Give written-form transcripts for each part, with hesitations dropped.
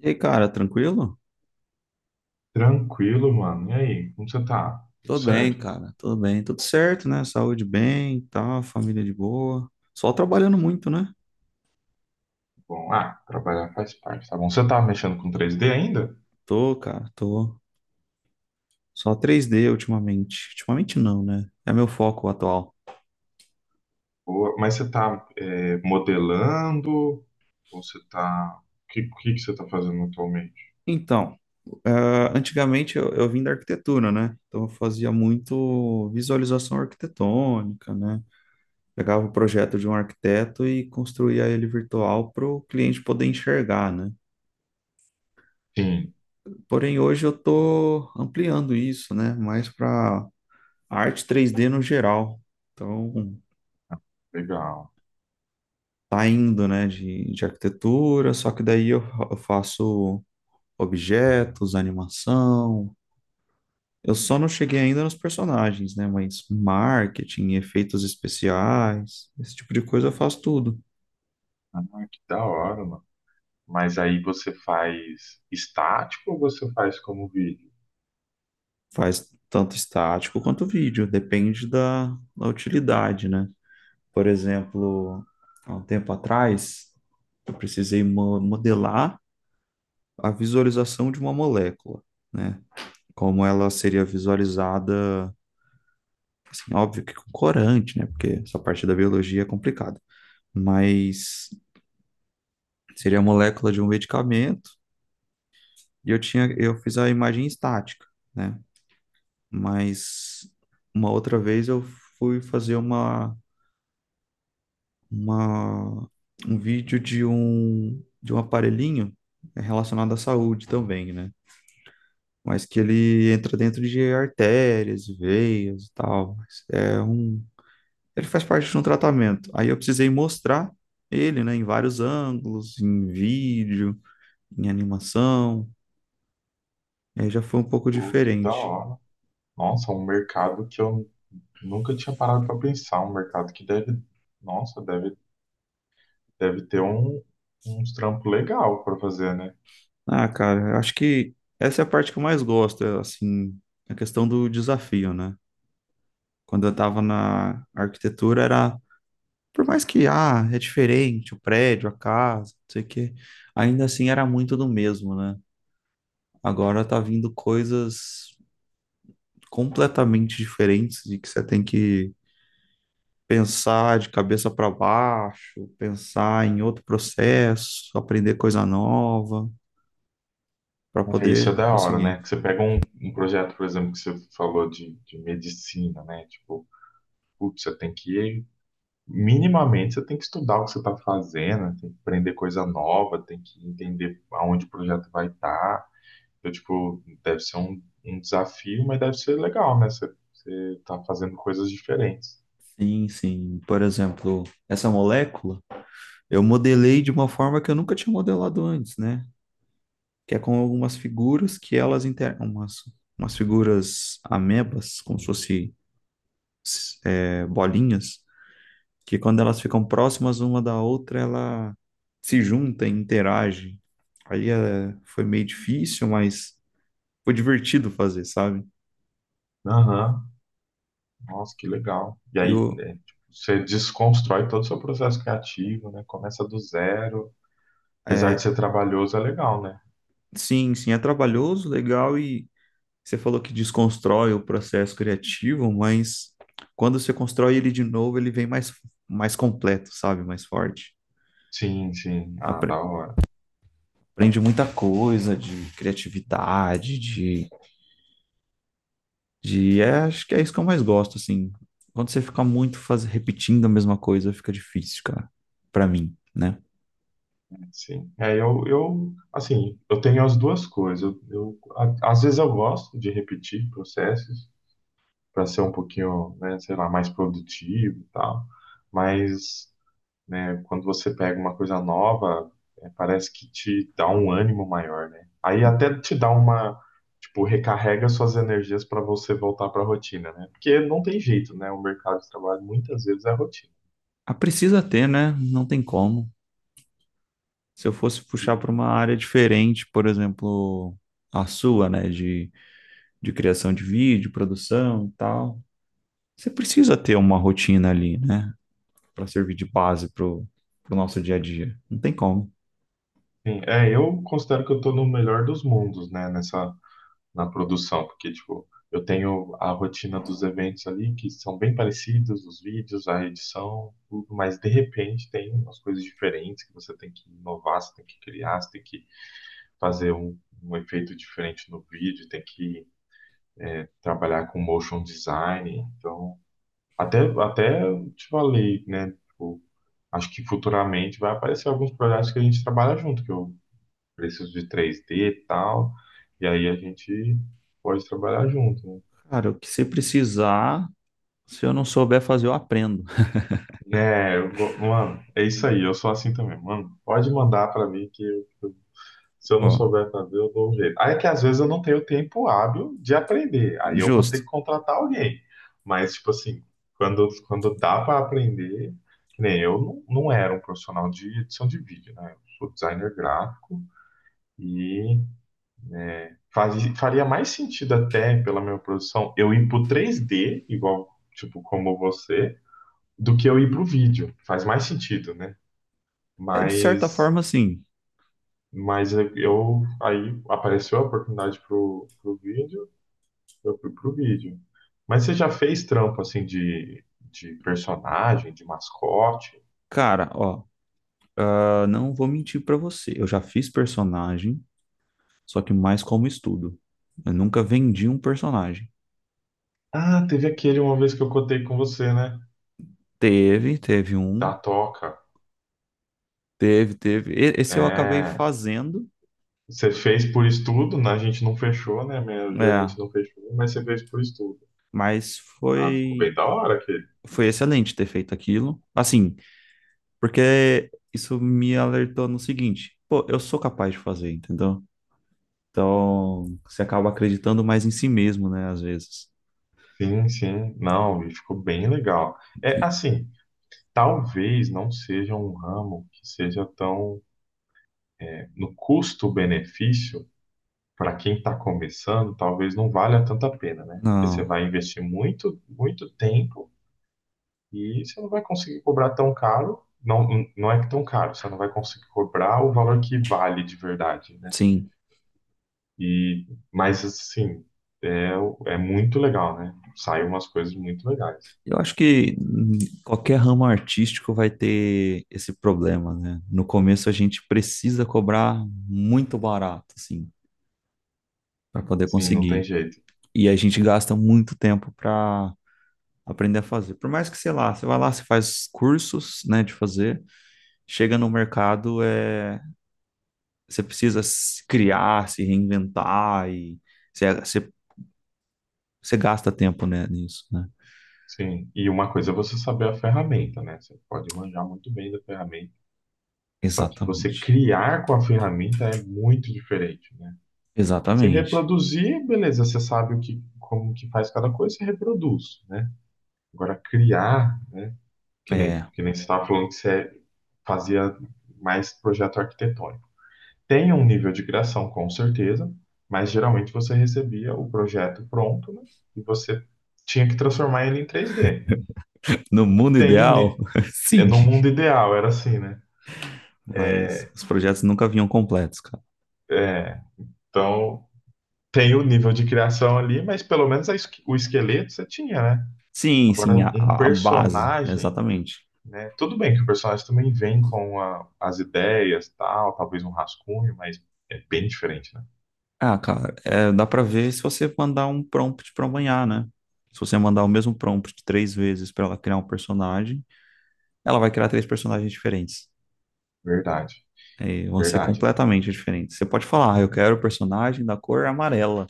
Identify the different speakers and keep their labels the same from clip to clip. Speaker 1: E aí, cara, tranquilo?
Speaker 2: Tranquilo, mano. E aí, como você tá? Tudo
Speaker 1: Tô bem,
Speaker 2: certo?
Speaker 1: cara, tudo bem, tudo certo, né? Saúde bem, e tal, família de boa. Só trabalhando muito, né?
Speaker 2: Bom, trabalhar faz parte, tá bom? Você tá mexendo com 3D ainda?
Speaker 1: Tô, cara, tô. Só 3D ultimamente. Ultimamente não, né? É meu foco atual.
Speaker 2: Mas você tá modelando? Ou você tá... O que que você tá fazendo atualmente?
Speaker 1: Então, ah, antigamente eu vim da arquitetura, né? Então eu fazia muito visualização arquitetônica, né? Pegava o projeto de um arquiteto e construía ele virtual para o cliente poder enxergar, né?
Speaker 2: Sim,
Speaker 1: Porém, hoje eu tô ampliando isso, né? Mais para a arte 3D no geral. Então,
Speaker 2: legal.
Speaker 1: tá indo, né, de arquitetura, só que daí eu faço objetos, animação. Eu só não cheguei ainda nos personagens, né, mas marketing, efeitos especiais, esse tipo de coisa eu faço tudo.
Speaker 2: Ah, que da hora, mano. Mas aí você faz estático ou você faz como vídeo?
Speaker 1: Faz tanto estático quanto vídeo, depende da utilidade, né? Por exemplo, há um tempo atrás, eu precisei modelar a visualização de uma molécula, né, como ela seria visualizada, assim, óbvio que com corante, né? Porque essa parte da biologia é complicada. Mas seria a molécula de um medicamento e eu fiz a imagem estática, né? Mas uma outra vez eu fui fazer uma um vídeo de um aparelhinho relacionado à saúde também, né? Mas que ele entra dentro de artérias, veias e tal. Ele faz parte de um tratamento. Aí eu precisei mostrar ele, né, em vários ângulos, em vídeo, em animação. Aí já foi um pouco
Speaker 2: Pô, que da
Speaker 1: diferente.
Speaker 2: hora. Nossa, um mercado que eu nunca tinha parado pra pensar. Um mercado que deve... Nossa, deve ter uns trampos legal para fazer, né?
Speaker 1: Ah, cara, eu acho que essa é a parte que eu mais gosto, é, assim, a questão do desafio, né? Quando eu tava na arquitetura, era, por mais que, ah, é diferente, o prédio, a casa, não sei o quê, ainda assim era muito do mesmo, né? Agora tá vindo coisas completamente diferentes e que você tem que pensar de cabeça para baixo, pensar em outro processo, aprender coisa nova para
Speaker 2: É, isso
Speaker 1: poder
Speaker 2: é da hora,
Speaker 1: conseguir.
Speaker 2: né? Que você pega um projeto, por exemplo, que você falou de medicina, né? Tipo, putz, minimamente, você tem que estudar o que você está fazendo, tem que aprender coisa nova, tem que entender aonde o projeto vai estar. Então, tipo, deve ser um desafio, mas deve ser legal, né? Você tá fazendo coisas diferentes.
Speaker 1: Sim, sim. Por exemplo, essa molécula eu modelei de uma forma que eu nunca tinha modelado antes, né? Que é com algumas figuras que elas umas figuras amebas, como se fosse é, bolinhas, que quando elas ficam próximas uma da outra, ela se junta e interage. Aí é, foi meio difícil, mas foi divertido fazer, sabe?
Speaker 2: Aham. Nossa, que legal. E
Speaker 1: E
Speaker 2: aí,
Speaker 1: o,
Speaker 2: né, tipo, você desconstrói todo o seu processo criativo, né? Começa do zero. Apesar
Speaker 1: É,
Speaker 2: de ser trabalhoso, é legal, né?
Speaker 1: sim, sim, é trabalhoso, legal, e você falou que desconstrói o processo criativo, mas quando você constrói ele de novo, ele vem mais, completo, sabe? Mais forte.
Speaker 2: Sim, sim. Ah, da
Speaker 1: Apre-
Speaker 2: hora.
Speaker 1: Aprende muita coisa de criatividade, acho que é isso que eu mais gosto, assim. Quando você fica muito repetindo a mesma coisa, fica difícil, cara, pra mim, né?
Speaker 2: Sim. É, eu tenho as duas coisas. Às vezes eu gosto de repetir processos para ser um pouquinho, né, sei lá, mais produtivo e tal. Mas, né? Quando você pega uma coisa nova, parece que te dá um ânimo maior, né? Aí até te dá tipo, recarrega suas energias para você voltar para a rotina, né? Porque não tem jeito, né? O mercado de trabalho muitas vezes é rotina.
Speaker 1: Ah, precisa ter, né? Não tem como. Se eu fosse puxar para
Speaker 2: Sim,
Speaker 1: uma área diferente, por exemplo, a sua, né, de criação de vídeo, produção e tal, você precisa ter uma rotina ali, né, para servir de base pro nosso dia a dia. Não tem como.
Speaker 2: é, eu considero que eu tô no melhor dos mundos, né, na produção, porque, tipo, eu tenho a rotina dos eventos ali, que são bem parecidos, os vídeos, a edição, tudo, mas de repente tem umas coisas diferentes que você tem que inovar, você tem que criar, você tem que fazer um efeito diferente no vídeo, tem que trabalhar com motion design. Então, até eu te falei, né? Tipo, acho que futuramente vai aparecer alguns projetos que a gente trabalha junto, que eu preciso de três d e tal, e aí a gente pode trabalhar junto,
Speaker 1: Cara, o que você precisar, se eu não souber fazer, eu aprendo.
Speaker 2: né? Mano, é isso aí, eu sou assim também, mano. Pode mandar pra mim que eu se eu não
Speaker 1: Ó,
Speaker 2: souber fazer, eu dou um jeito. Aí é que às vezes eu não tenho tempo hábil de aprender. Aí eu vou ter
Speaker 1: justo.
Speaker 2: que contratar alguém. Mas, tipo assim, quando dá para aprender, que nem eu não era um profissional de edição de vídeo, né? Eu sou designer gráfico e faria mais sentido até pela minha produção eu ir pro 3D, igual, tipo, como você, do que eu ir pro vídeo. Faz mais sentido, né?
Speaker 1: É de certa
Speaker 2: Mas,
Speaker 1: forma assim,
Speaker 2: mas eu aí apareceu a oportunidade pro vídeo. Eu fui pro vídeo. Mas você já fez trampo assim de personagem, de mascote?
Speaker 1: cara, ó, ah, não vou mentir para você. Eu já fiz personagem, só que mais como estudo. Eu nunca vendi um personagem.
Speaker 2: Ah, teve aquele uma vez que eu contei com você, né?
Speaker 1: Teve, teve um.
Speaker 2: Da Toca.
Speaker 1: Teve, teve. Esse eu acabei
Speaker 2: É.
Speaker 1: fazendo,
Speaker 2: Você fez por estudo, né? A gente não fechou, né? Meu
Speaker 1: é,
Speaker 2: gerente não fechou, mas você fez por estudo.
Speaker 1: mas
Speaker 2: Ah, ficou bem
Speaker 1: foi
Speaker 2: da hora aquele.
Speaker 1: foi excelente ter feito aquilo. Assim, porque isso me alertou no seguinte, pô, eu sou capaz de fazer, entendeu? Então, você acaba acreditando mais em si mesmo, né, às vezes.
Speaker 2: Sim, sim. Não, e ficou bem legal. É assim, talvez não seja um ramo que seja tão é, no custo-benefício. Para quem está começando, talvez não valha tanto a pena, né? Porque você
Speaker 1: Não,
Speaker 2: vai investir muito, muito tempo e você não vai conseguir cobrar tão caro. Não, não é que tão caro, você não vai conseguir cobrar o valor que vale de verdade, né?
Speaker 1: sim.
Speaker 2: E, mas, assim, é, é muito legal, né? Saem umas coisas muito legais.
Speaker 1: Eu acho que qualquer ramo artístico vai ter esse problema, né? No começo a gente precisa cobrar muito barato, assim, para poder
Speaker 2: Sim, não tem
Speaker 1: conseguir.
Speaker 2: jeito.
Speaker 1: E a gente gasta muito tempo para aprender a fazer. Por mais que, sei lá, você vai lá, você faz cursos, né, de fazer, chega no mercado, é, você precisa se criar, se reinventar, e você, você, você gasta tempo, né, nisso, né?
Speaker 2: Sim, e uma coisa é você saber a ferramenta, né? Você pode manjar muito bem da ferramenta, só que você
Speaker 1: Exatamente.
Speaker 2: criar com a ferramenta é muito diferente, né? Se
Speaker 1: Exatamente.
Speaker 2: reproduzir, beleza, você sabe como que faz cada coisa, você reproduz, né? Agora criar, né? Que nem,
Speaker 1: É,
Speaker 2: que nem você estava falando que você fazia mais projeto arquitetônico. Tem um nível de criação, com certeza, mas geralmente você recebia o projeto pronto, né? E você tinha que transformar ele em 3D.
Speaker 1: no mundo
Speaker 2: Tem o,
Speaker 1: ideal,
Speaker 2: ni- É
Speaker 1: sim,
Speaker 2: no mundo ideal, era assim, né?
Speaker 1: mas os projetos nunca vinham completos, cara.
Speaker 2: É, então tem o nível de criação ali, mas pelo menos o esqueleto você tinha, né?
Speaker 1: Sim,
Speaker 2: Agora,
Speaker 1: sim, a,
Speaker 2: um
Speaker 1: a base,
Speaker 2: personagem,
Speaker 1: exatamente.
Speaker 2: né? Tudo bem que o personagem também vem com as ideias, tal, talvez um rascunho, mas é bem diferente, né?
Speaker 1: Ah, cara, é, dá pra ver se você mandar um prompt pra amanhã, né? Se você mandar o mesmo prompt três vezes pra ela criar um personagem, ela vai criar três personagens diferentes.
Speaker 2: Verdade,
Speaker 1: É, vão ser
Speaker 2: verdade,
Speaker 1: completamente diferentes. Você pode falar, ah, eu quero o personagem da cor amarela,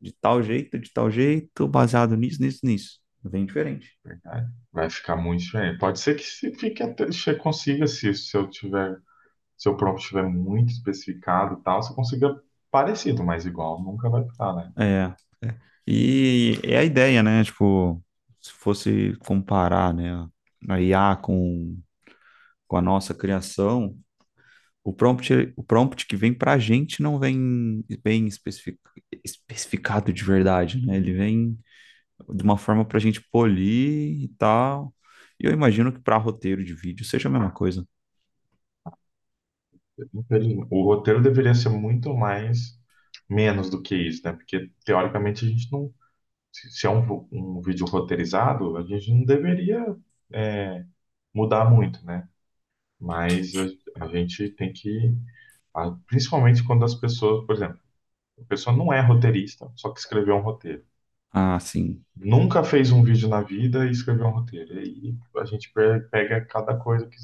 Speaker 1: de tal jeito, baseado nisso, nisso, nisso. Vem diferente.
Speaker 2: verdade. Vai ficar muito diferente. Pode ser que se fique consiga, se eu tiver, se o prompt tiver muito especificado, e tal, você consiga parecido, mas igual nunca vai ficar, né?
Speaker 1: É, e é a ideia, né? Tipo, se fosse comparar, né, a IA com, a nossa criação. O prompt, o prompt que vem para a gente não vem bem especificado de verdade, né? Ele vem de uma forma para a gente polir e tal. E eu imagino que para roteiro de vídeo seja a mesma coisa.
Speaker 2: Infelizmente. O roteiro deveria ser muito mais menos do que isso, né? Porque teoricamente a gente não, se se é um vídeo roteirizado, a gente não deveria é, mudar muito, né? Mas a gente tem que, principalmente quando as pessoas, por exemplo, a pessoa não é roteirista, só que escreveu um roteiro.
Speaker 1: Ah, sim.
Speaker 2: Nunca fez um vídeo na vida e escreveu um roteiro. E aí a gente pega cada coisa que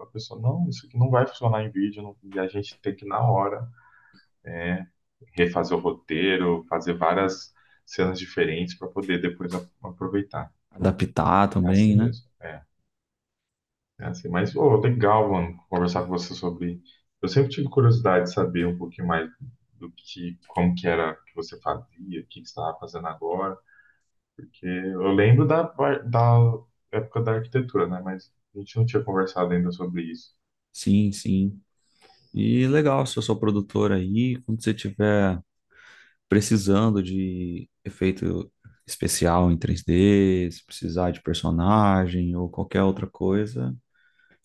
Speaker 2: a pessoa, não, isso aqui não vai funcionar em vídeo, e a gente tem que, na hora, né, refazer o roteiro, fazer várias cenas diferentes para poder depois aproveitar. Então,
Speaker 1: Adaptar
Speaker 2: é
Speaker 1: também,
Speaker 2: assim
Speaker 1: né?
Speaker 2: mesmo. É, é assim, mas, ô, legal, mano, conversar com você sobre. Eu sempre tive curiosidade de saber um pouquinho mais do que, como que era que você fazia, o que que você estava fazendo agora, porque eu lembro da, da época da arquitetura, né? Mas a gente não tinha conversado ainda sobre isso.
Speaker 1: Sim, sim. E legal, se eu sou produtor aí, quando você estiver precisando de efeito especial em 3D, se precisar de personagem ou qualquer outra coisa,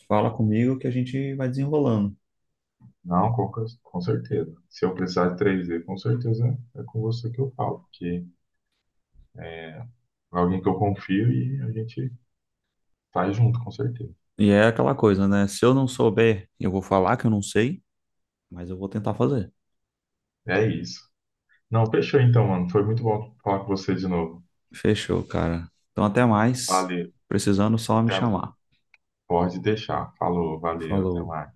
Speaker 1: fala comigo que a gente vai desenrolando.
Speaker 2: Não, com, com certeza. Se eu precisar de 3D, com certeza é com você que eu falo, porque é é alguém que eu confio e a gente faz junto, com certeza.
Speaker 1: E é aquela coisa, né? Se eu não souber, eu vou falar que eu não sei, mas eu vou tentar fazer.
Speaker 2: É isso. Não, fechou então, mano. Foi muito bom falar com você de novo.
Speaker 1: Fechou, cara. Então, até mais.
Speaker 2: Valeu.
Speaker 1: Precisando, só me
Speaker 2: Até-
Speaker 1: chamar.
Speaker 2: Pode deixar. Falou, valeu, até
Speaker 1: Falou.
Speaker 2: mais.